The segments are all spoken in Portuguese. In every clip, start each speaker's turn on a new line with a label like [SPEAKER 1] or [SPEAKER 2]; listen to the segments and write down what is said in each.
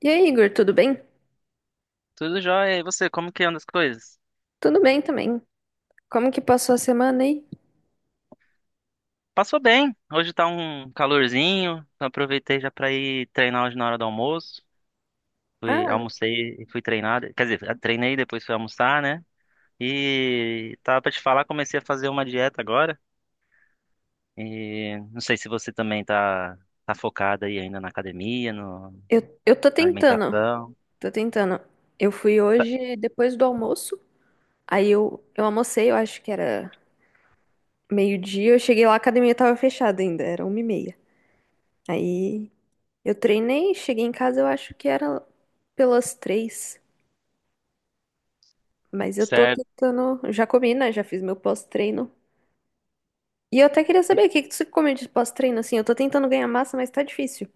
[SPEAKER 1] E aí, Igor, tudo bem?
[SPEAKER 2] Tudo jóia. E você, como que anda as coisas?
[SPEAKER 1] Tudo bem também. Como que passou a semana aí?
[SPEAKER 2] Passou bem. Hoje tá um calorzinho. Então aproveitei já pra ir treinar hoje na hora do almoço. Fui,
[SPEAKER 1] Ah,
[SPEAKER 2] almocei e fui treinar. Quer dizer, treinei depois fui almoçar, né? E tava pra te falar, comecei a fazer uma dieta agora. E não sei se você também tá, tá focada aí ainda na academia, no,
[SPEAKER 1] eu tô
[SPEAKER 2] na
[SPEAKER 1] tentando,
[SPEAKER 2] alimentação.
[SPEAKER 1] tô tentando. Eu fui hoje depois do almoço, aí eu almocei, eu acho que era meio-dia, eu cheguei lá, a academia tava fechada ainda, era 1h30. Aí eu treinei, cheguei em casa, eu acho que era pelas três, mas eu tô
[SPEAKER 2] Certo.
[SPEAKER 1] tentando, já comi, né, já fiz meu pós-treino. E eu até queria
[SPEAKER 2] E-
[SPEAKER 1] saber, o que que você come de pós-treino, assim, eu tô tentando ganhar massa, mas tá difícil.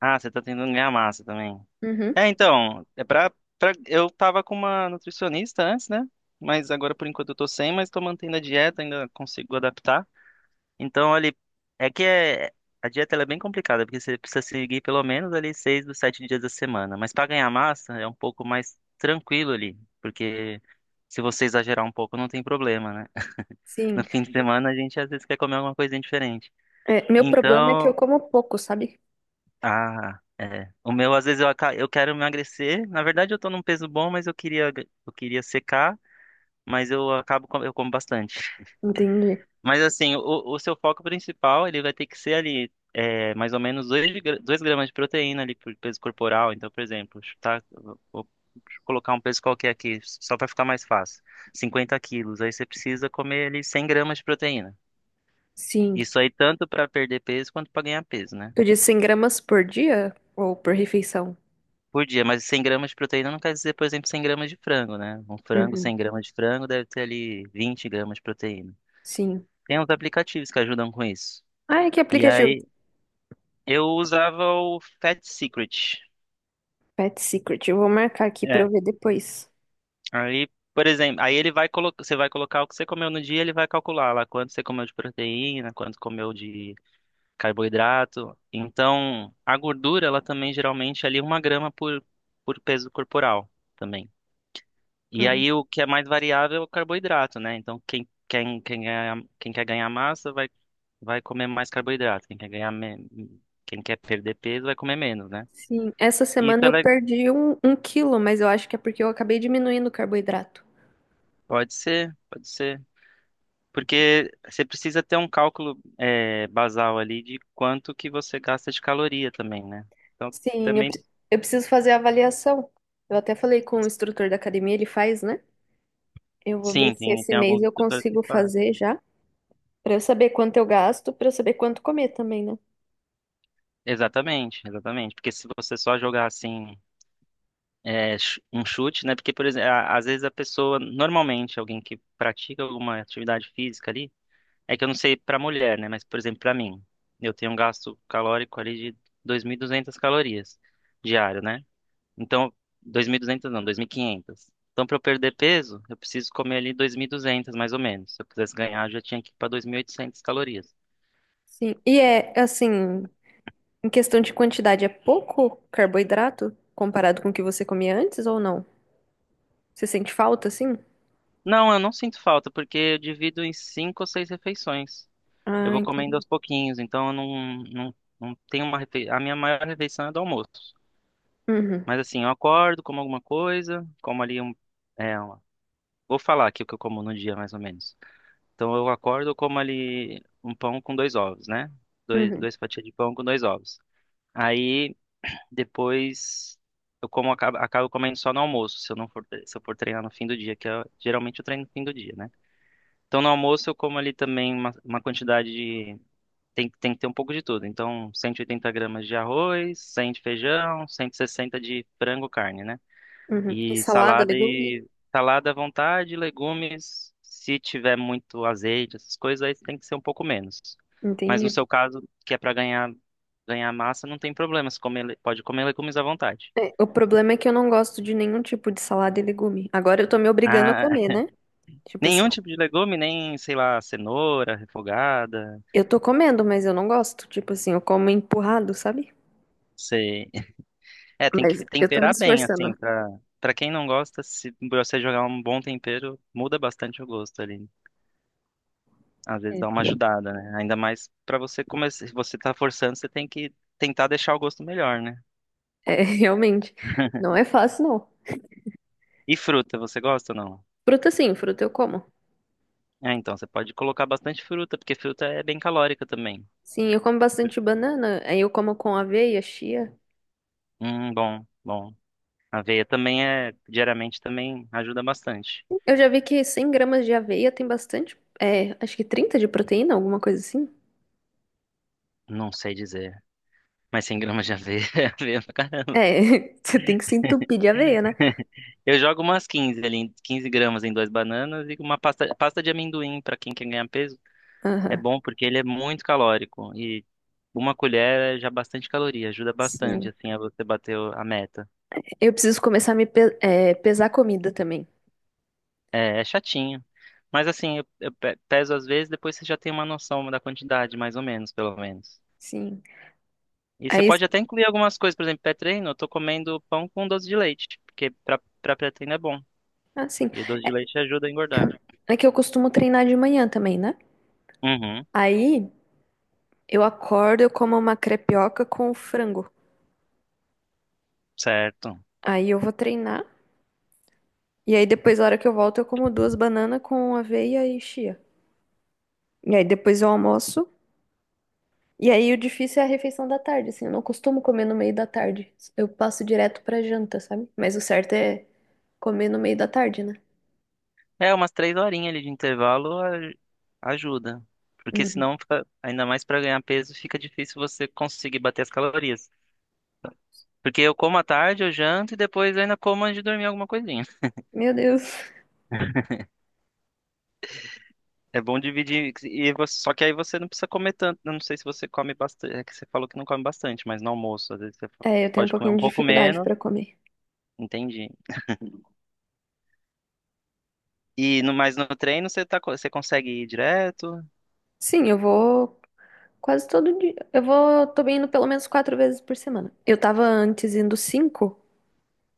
[SPEAKER 2] Ah, você tá tentando ganhar massa também.
[SPEAKER 1] Uhum.
[SPEAKER 2] É, então, é pra, eu tava com uma nutricionista antes, né? Mas agora por enquanto eu tô sem, mas tô mantendo a dieta, ainda consigo adaptar. Então, ali, é que é, a dieta ela é bem complicada, porque você precisa seguir pelo menos ali seis dos sete dias da semana. Mas pra ganhar massa é um pouco mais tranquilo ali, porque se você exagerar um pouco não tem problema, né?
[SPEAKER 1] Sim.
[SPEAKER 2] No fim de semana a gente às vezes quer comer alguma coisinha diferente.
[SPEAKER 1] É, meu problema é que eu
[SPEAKER 2] Então,
[SPEAKER 1] como pouco, sabe?
[SPEAKER 2] ah, é. O meu, às vezes, eu quero emagrecer. Na verdade, eu tô num peso bom, mas eu queria secar, mas eu acabo, eu como bastante.
[SPEAKER 1] Entendi.
[SPEAKER 2] Mas, assim, o seu foco principal, ele vai ter que ser ali, é, mais ou menos 2 gramas de proteína ali por peso corporal. Então, por exemplo, chutar, vou colocar um peso qualquer aqui, só para ficar mais fácil. 50 quilos. Aí você precisa comer ali 100 gramas de proteína.
[SPEAKER 1] Sim.
[SPEAKER 2] Isso aí tanto para perder peso quanto para ganhar peso, né?
[SPEAKER 1] Tu disse 100 gramas por dia ou por refeição?
[SPEAKER 2] Por dia, mas 100 gramas de proteína não quer dizer, por exemplo, 100 gramas de frango, né? Um frango,
[SPEAKER 1] Uhum.
[SPEAKER 2] 100 gramas de frango deve ter ali 20 gramas de proteína.
[SPEAKER 1] Sim.
[SPEAKER 2] Tem uns aplicativos que ajudam com isso.
[SPEAKER 1] Ai, que
[SPEAKER 2] E
[SPEAKER 1] aplicativo.
[SPEAKER 2] aí, eu usava o Fat Secret.
[SPEAKER 1] Pet Secret. Eu vou marcar aqui pra eu
[SPEAKER 2] É.
[SPEAKER 1] ver depois.
[SPEAKER 2] Aí, por exemplo, aí ele vai colocar, você vai colocar o que você comeu no dia, ele vai calcular lá quanto você comeu de proteína, quanto comeu de carboidrato. Então, a gordura, ela também geralmente é ali uma grama por peso corporal. Também. E
[SPEAKER 1] Ah,
[SPEAKER 2] aí o que é mais variável é o carboidrato, né? Então quem quer ganhar massa vai, vai comer mais carboidrato. Quem quer perder peso vai comer menos, né?
[SPEAKER 1] sim. Essa
[SPEAKER 2] E isso
[SPEAKER 1] semana
[SPEAKER 2] é
[SPEAKER 1] eu
[SPEAKER 2] le-
[SPEAKER 1] perdi um quilo, mas eu acho que é porque eu acabei diminuindo o carboidrato.
[SPEAKER 2] Pode ser, pode ser. Porque você precisa ter um cálculo é, basal ali de quanto que você gasta de caloria também, né? Então
[SPEAKER 1] Sim,
[SPEAKER 2] também
[SPEAKER 1] eu preciso fazer a avaliação. Eu até falei com o instrutor da academia, ele faz, né? Eu vou ver
[SPEAKER 2] sim,
[SPEAKER 1] se
[SPEAKER 2] tem,
[SPEAKER 1] esse
[SPEAKER 2] tem
[SPEAKER 1] mês
[SPEAKER 2] alguns
[SPEAKER 1] eu
[SPEAKER 2] instrutores que
[SPEAKER 1] consigo
[SPEAKER 2] fazem.
[SPEAKER 1] fazer já. Pra eu saber quanto eu gasto, pra eu saber quanto comer também, né?
[SPEAKER 2] Exatamente, exatamente. Porque se você só jogar assim é, um chute, né? Porque, por exemplo, às vezes a pessoa, normalmente, alguém que pratica alguma atividade física ali, é que eu não sei para mulher, né? Mas, por exemplo, para mim, eu tenho um gasto calórico ali de 2.200 calorias diário, né? Então, 2.200 não, 2.500. Então, para eu perder peso, eu preciso comer ali 2.200, mais ou menos. Se eu quisesse ganhar, eu já tinha que ir para 2.800 calorias.
[SPEAKER 1] Sim. E é assim, em questão de quantidade, é pouco carboidrato comparado com o que você comia antes ou não? Você sente falta, assim?
[SPEAKER 2] Não, eu não sinto falta, porque eu divido em cinco ou seis refeições. Eu
[SPEAKER 1] Ah,
[SPEAKER 2] vou comendo
[SPEAKER 1] entendi.
[SPEAKER 2] aos pouquinhos, então eu não tenho uma A minha maior refeição é do almoço.
[SPEAKER 1] Uhum,
[SPEAKER 2] Mas assim, eu acordo, como alguma coisa, como ali um. É, uma- Vou falar aqui o que eu como no dia, mais ou menos. Então eu acordo, eu como ali um pão com dois ovos, né? Dois,
[SPEAKER 1] uhum,
[SPEAKER 2] dois fatias de pão com dois ovos. Aí depois eu como acabo comendo só no almoço, se eu não for, se eu for treinar no fim do dia, que eu, geralmente eu treino no fim do dia, né? Então no almoço eu como ali também uma quantidade de tem que ter um pouco de tudo. Então, 180 gramas de arroz, 100 de feijão, 160 de frango, carne, né?
[SPEAKER 1] uhum. E
[SPEAKER 2] E
[SPEAKER 1] salada,
[SPEAKER 2] salada
[SPEAKER 1] legume?
[SPEAKER 2] e salada à vontade, legumes. Se tiver muito azeite, essas coisas, aí tem que ser um pouco menos. Mas no
[SPEAKER 1] Entendi.
[SPEAKER 2] seu caso, que é para ganhar massa, não tem problema. Você come pode comer legumes à vontade.
[SPEAKER 1] É, o problema é que eu não gosto de nenhum tipo de salada e legume. Agora eu tô me obrigando a
[SPEAKER 2] Ah,
[SPEAKER 1] comer, né? Tipo assim,
[SPEAKER 2] nenhum tipo de legume, nem, sei lá, cenoura refogada.
[SPEAKER 1] eu tô comendo, mas eu não gosto. Tipo assim, eu como empurrado, sabe?
[SPEAKER 2] Sei. É, tem
[SPEAKER 1] Mas
[SPEAKER 2] que
[SPEAKER 1] eu tô me
[SPEAKER 2] temperar bem,
[SPEAKER 1] esforçando.
[SPEAKER 2] assim, pra, pra quem não gosta, se você jogar um bom tempero, muda bastante o gosto ali. Às vezes
[SPEAKER 1] É,
[SPEAKER 2] dá uma ajudada, né? Ainda mais pra você começar, se você tá forçando, você tem que tentar deixar o gosto melhor, né?
[SPEAKER 1] é, realmente, não é fácil, não.
[SPEAKER 2] E fruta, você gosta ou não?
[SPEAKER 1] Fruta sim, fruta eu como.
[SPEAKER 2] É, então, você pode colocar bastante fruta, porque fruta é bem calórica também.
[SPEAKER 1] Sim, eu como bastante banana, aí eu como com aveia, chia.
[SPEAKER 2] Bom, bom. Aveia também é, diariamente também ajuda bastante.
[SPEAKER 1] Eu já vi que 100 gramas de aveia tem bastante, é, acho que 30 de proteína, alguma coisa assim.
[SPEAKER 2] Não sei dizer, mas 100 gramas de aveia é aveia pra
[SPEAKER 1] É,
[SPEAKER 2] caramba.
[SPEAKER 1] você tem que se entupir de aveia, né?
[SPEAKER 2] Eu jogo umas 15 ali, 15 gramas em duas bananas e uma pasta, pasta de amendoim para quem quer ganhar peso. É
[SPEAKER 1] Aham,
[SPEAKER 2] bom porque ele é muito calórico e uma colher é já bastante caloria, ajuda bastante
[SPEAKER 1] sim.
[SPEAKER 2] assim a você bater a meta.
[SPEAKER 1] Eu preciso começar a pesar comida também.
[SPEAKER 2] É, é chatinho, mas assim, eu, peso às vezes, depois você já tem uma noção da quantidade, mais ou menos, pelo menos.
[SPEAKER 1] Sim.
[SPEAKER 2] E você
[SPEAKER 1] Aí,
[SPEAKER 2] pode até incluir algumas coisas, por exemplo, pré-treino, eu tô comendo pão com doce de leite, porque para pré-treino é bom.
[SPEAKER 1] ah, sim.
[SPEAKER 2] E o doce de leite ajuda a engordar.
[SPEAKER 1] É que eu costumo treinar de manhã também, né?
[SPEAKER 2] Uhum,
[SPEAKER 1] Aí eu acordo, eu como uma crepioca com frango.
[SPEAKER 2] certo.
[SPEAKER 1] Aí eu vou treinar. E aí depois, na hora que eu volto, eu como duas bananas com aveia e chia. E aí depois eu almoço. E aí o difícil é a refeição da tarde, assim, eu não costumo comer no meio da tarde. Eu passo direto pra janta, sabe? Mas o certo é comer no meio da tarde, né?
[SPEAKER 2] É, umas três horinhas ali de ajuda. Porque
[SPEAKER 1] Uhum.
[SPEAKER 2] senão, fica, ainda mais para ganhar peso, fica difícil você conseguir bater as calorias. Porque eu como à tarde, eu janto e depois eu ainda como antes de dormir alguma coisinha.
[SPEAKER 1] Meu Deus.
[SPEAKER 2] É bom dividir, só que aí você não precisa comer tanto. Eu não sei se você come bastante, é que você falou que não come bastante, mas no almoço, às vezes
[SPEAKER 1] É, eu tenho um
[SPEAKER 2] pode comer
[SPEAKER 1] pouquinho
[SPEAKER 2] um
[SPEAKER 1] de
[SPEAKER 2] pouco
[SPEAKER 1] dificuldade
[SPEAKER 2] menos,
[SPEAKER 1] pra comer.
[SPEAKER 2] entendi. E no, mas no treino você tá, você consegue ir direto,
[SPEAKER 1] Sim, eu vou quase todo dia. Eu vou, tô indo pelo menos 4 vezes por semana. Eu tava antes indo 5,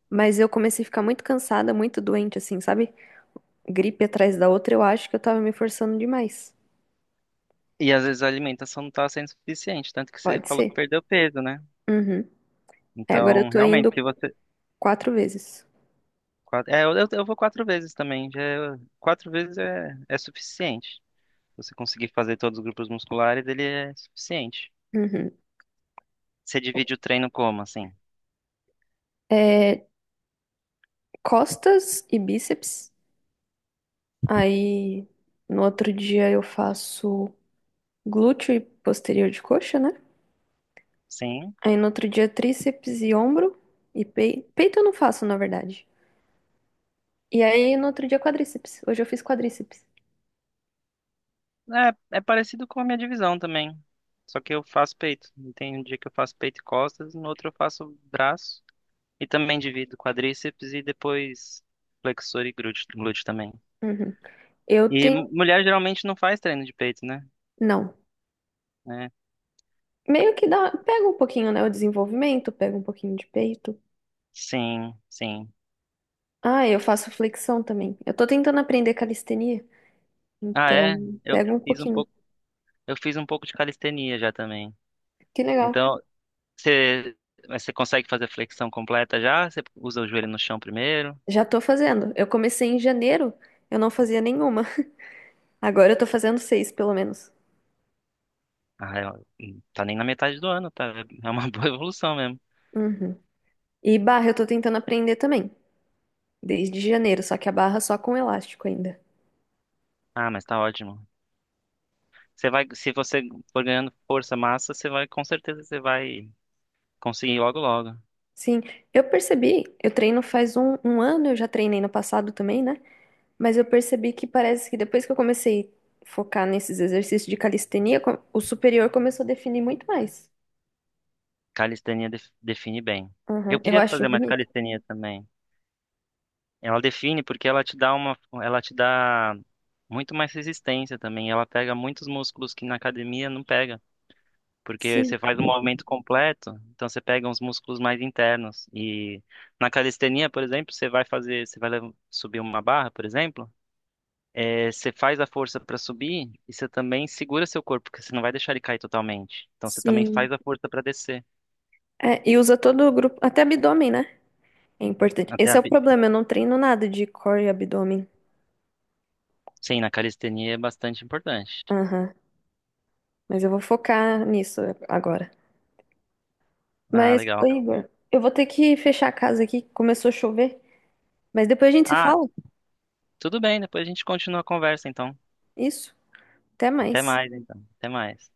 [SPEAKER 1] mas eu comecei a ficar muito cansada, muito doente, assim, sabe? Gripe atrás da outra, eu acho que eu tava me forçando demais.
[SPEAKER 2] e às vezes a alimentação não tá sendo suficiente, tanto que você
[SPEAKER 1] Pode
[SPEAKER 2] falou que
[SPEAKER 1] ser.
[SPEAKER 2] perdeu peso, né?
[SPEAKER 1] Uhum. É, agora eu
[SPEAKER 2] Então,
[SPEAKER 1] tô
[SPEAKER 2] realmente,
[SPEAKER 1] indo
[SPEAKER 2] se você.
[SPEAKER 1] 4 vezes.
[SPEAKER 2] É, eu vou quatro vezes também. Já, quatro vezes é, é suficiente. Se você conseguir fazer todos os grupos musculares, ele é suficiente.
[SPEAKER 1] Uhum.
[SPEAKER 2] Você divide o treino como, assim?
[SPEAKER 1] É, costas e bíceps. Aí no outro dia eu faço glúteo e posterior de coxa, né?
[SPEAKER 2] Sim.
[SPEAKER 1] Aí no outro dia tríceps e ombro e peito eu não faço, na verdade. E aí no outro dia quadríceps. Hoje eu fiz quadríceps.
[SPEAKER 2] É, é parecido com a minha divisão também. Só que eu faço peito. Tem um dia que eu faço peito e costas, no outro eu faço braço. E também divido quadríceps e depois flexor e glúteo também.
[SPEAKER 1] Uhum. Eu
[SPEAKER 2] E
[SPEAKER 1] tenho,
[SPEAKER 2] mulher geralmente não faz treino de peito, né?
[SPEAKER 1] não.
[SPEAKER 2] É,
[SPEAKER 1] Meio que dá, pega um pouquinho, né, o desenvolvimento, pega um pouquinho de peito.
[SPEAKER 2] sim.
[SPEAKER 1] Ah, eu faço flexão também. Eu tô tentando aprender calistenia,
[SPEAKER 2] Ah, é?
[SPEAKER 1] então
[SPEAKER 2] Eu
[SPEAKER 1] pega um
[SPEAKER 2] fiz um
[SPEAKER 1] pouquinho.
[SPEAKER 2] pouco, eu fiz um pouco de calistenia já também.
[SPEAKER 1] Que legal.
[SPEAKER 2] Então, você, mas você consegue fazer flexão completa já? Você usa o joelho no chão primeiro?
[SPEAKER 1] Já tô fazendo. Eu comecei em janeiro, eu não fazia nenhuma. Agora eu tô fazendo 6, pelo menos.
[SPEAKER 2] Ah, tá nem na metade do ano, tá? É uma boa evolução mesmo.
[SPEAKER 1] Uhum. E barra eu tô tentando aprender também, desde janeiro, só que a barra só com elástico ainda.
[SPEAKER 2] Ah, mas tá ótimo. Você vai, se você for ganhando força, massa, você vai, com certeza você vai conseguir logo logo.
[SPEAKER 1] Sim, eu percebi, eu treino faz um ano, eu já treinei no passado também, né? Mas eu percebi que parece que depois que eu comecei a focar nesses exercícios de calistenia, o superior começou a definir muito mais.
[SPEAKER 2] Define bem. Eu
[SPEAKER 1] Uhum. Eu
[SPEAKER 2] queria
[SPEAKER 1] acho
[SPEAKER 2] fazer mais
[SPEAKER 1] bonito.
[SPEAKER 2] calistenia também. Ela define porque ela te dá uma, Ela te dá muito mais resistência também. Ela pega muitos músculos que na academia não pega, porque
[SPEAKER 1] Sim,
[SPEAKER 2] você faz um movimento completo, então você pega uns músculos mais internos. E na calistenia, por exemplo, você vai fazer, subir uma barra, por exemplo, você faz a força para subir e você também segura seu corpo, porque você não vai deixar ele cair totalmente. Então você também
[SPEAKER 1] sim.
[SPEAKER 2] faz a força para descer.
[SPEAKER 1] É, e usa todo o grupo, até abdômen, né? É importante.
[SPEAKER 2] Até
[SPEAKER 1] Esse
[SPEAKER 2] a,
[SPEAKER 1] é o
[SPEAKER 2] bi-
[SPEAKER 1] problema, eu não treino nada de core e abdômen.
[SPEAKER 2] sim, na calistenia é bastante importante.
[SPEAKER 1] Aham. Mas eu vou focar nisso agora.
[SPEAKER 2] Ah,
[SPEAKER 1] Mas, ô
[SPEAKER 2] legal.
[SPEAKER 1] Igor, eu vou ter que fechar a casa aqui, começou a chover. Mas depois a gente se
[SPEAKER 2] ah
[SPEAKER 1] fala.
[SPEAKER 2] Tudo bem, depois a gente continua a conversa, então.
[SPEAKER 1] Isso. Até
[SPEAKER 2] Até
[SPEAKER 1] mais.
[SPEAKER 2] mais, então. Até mais.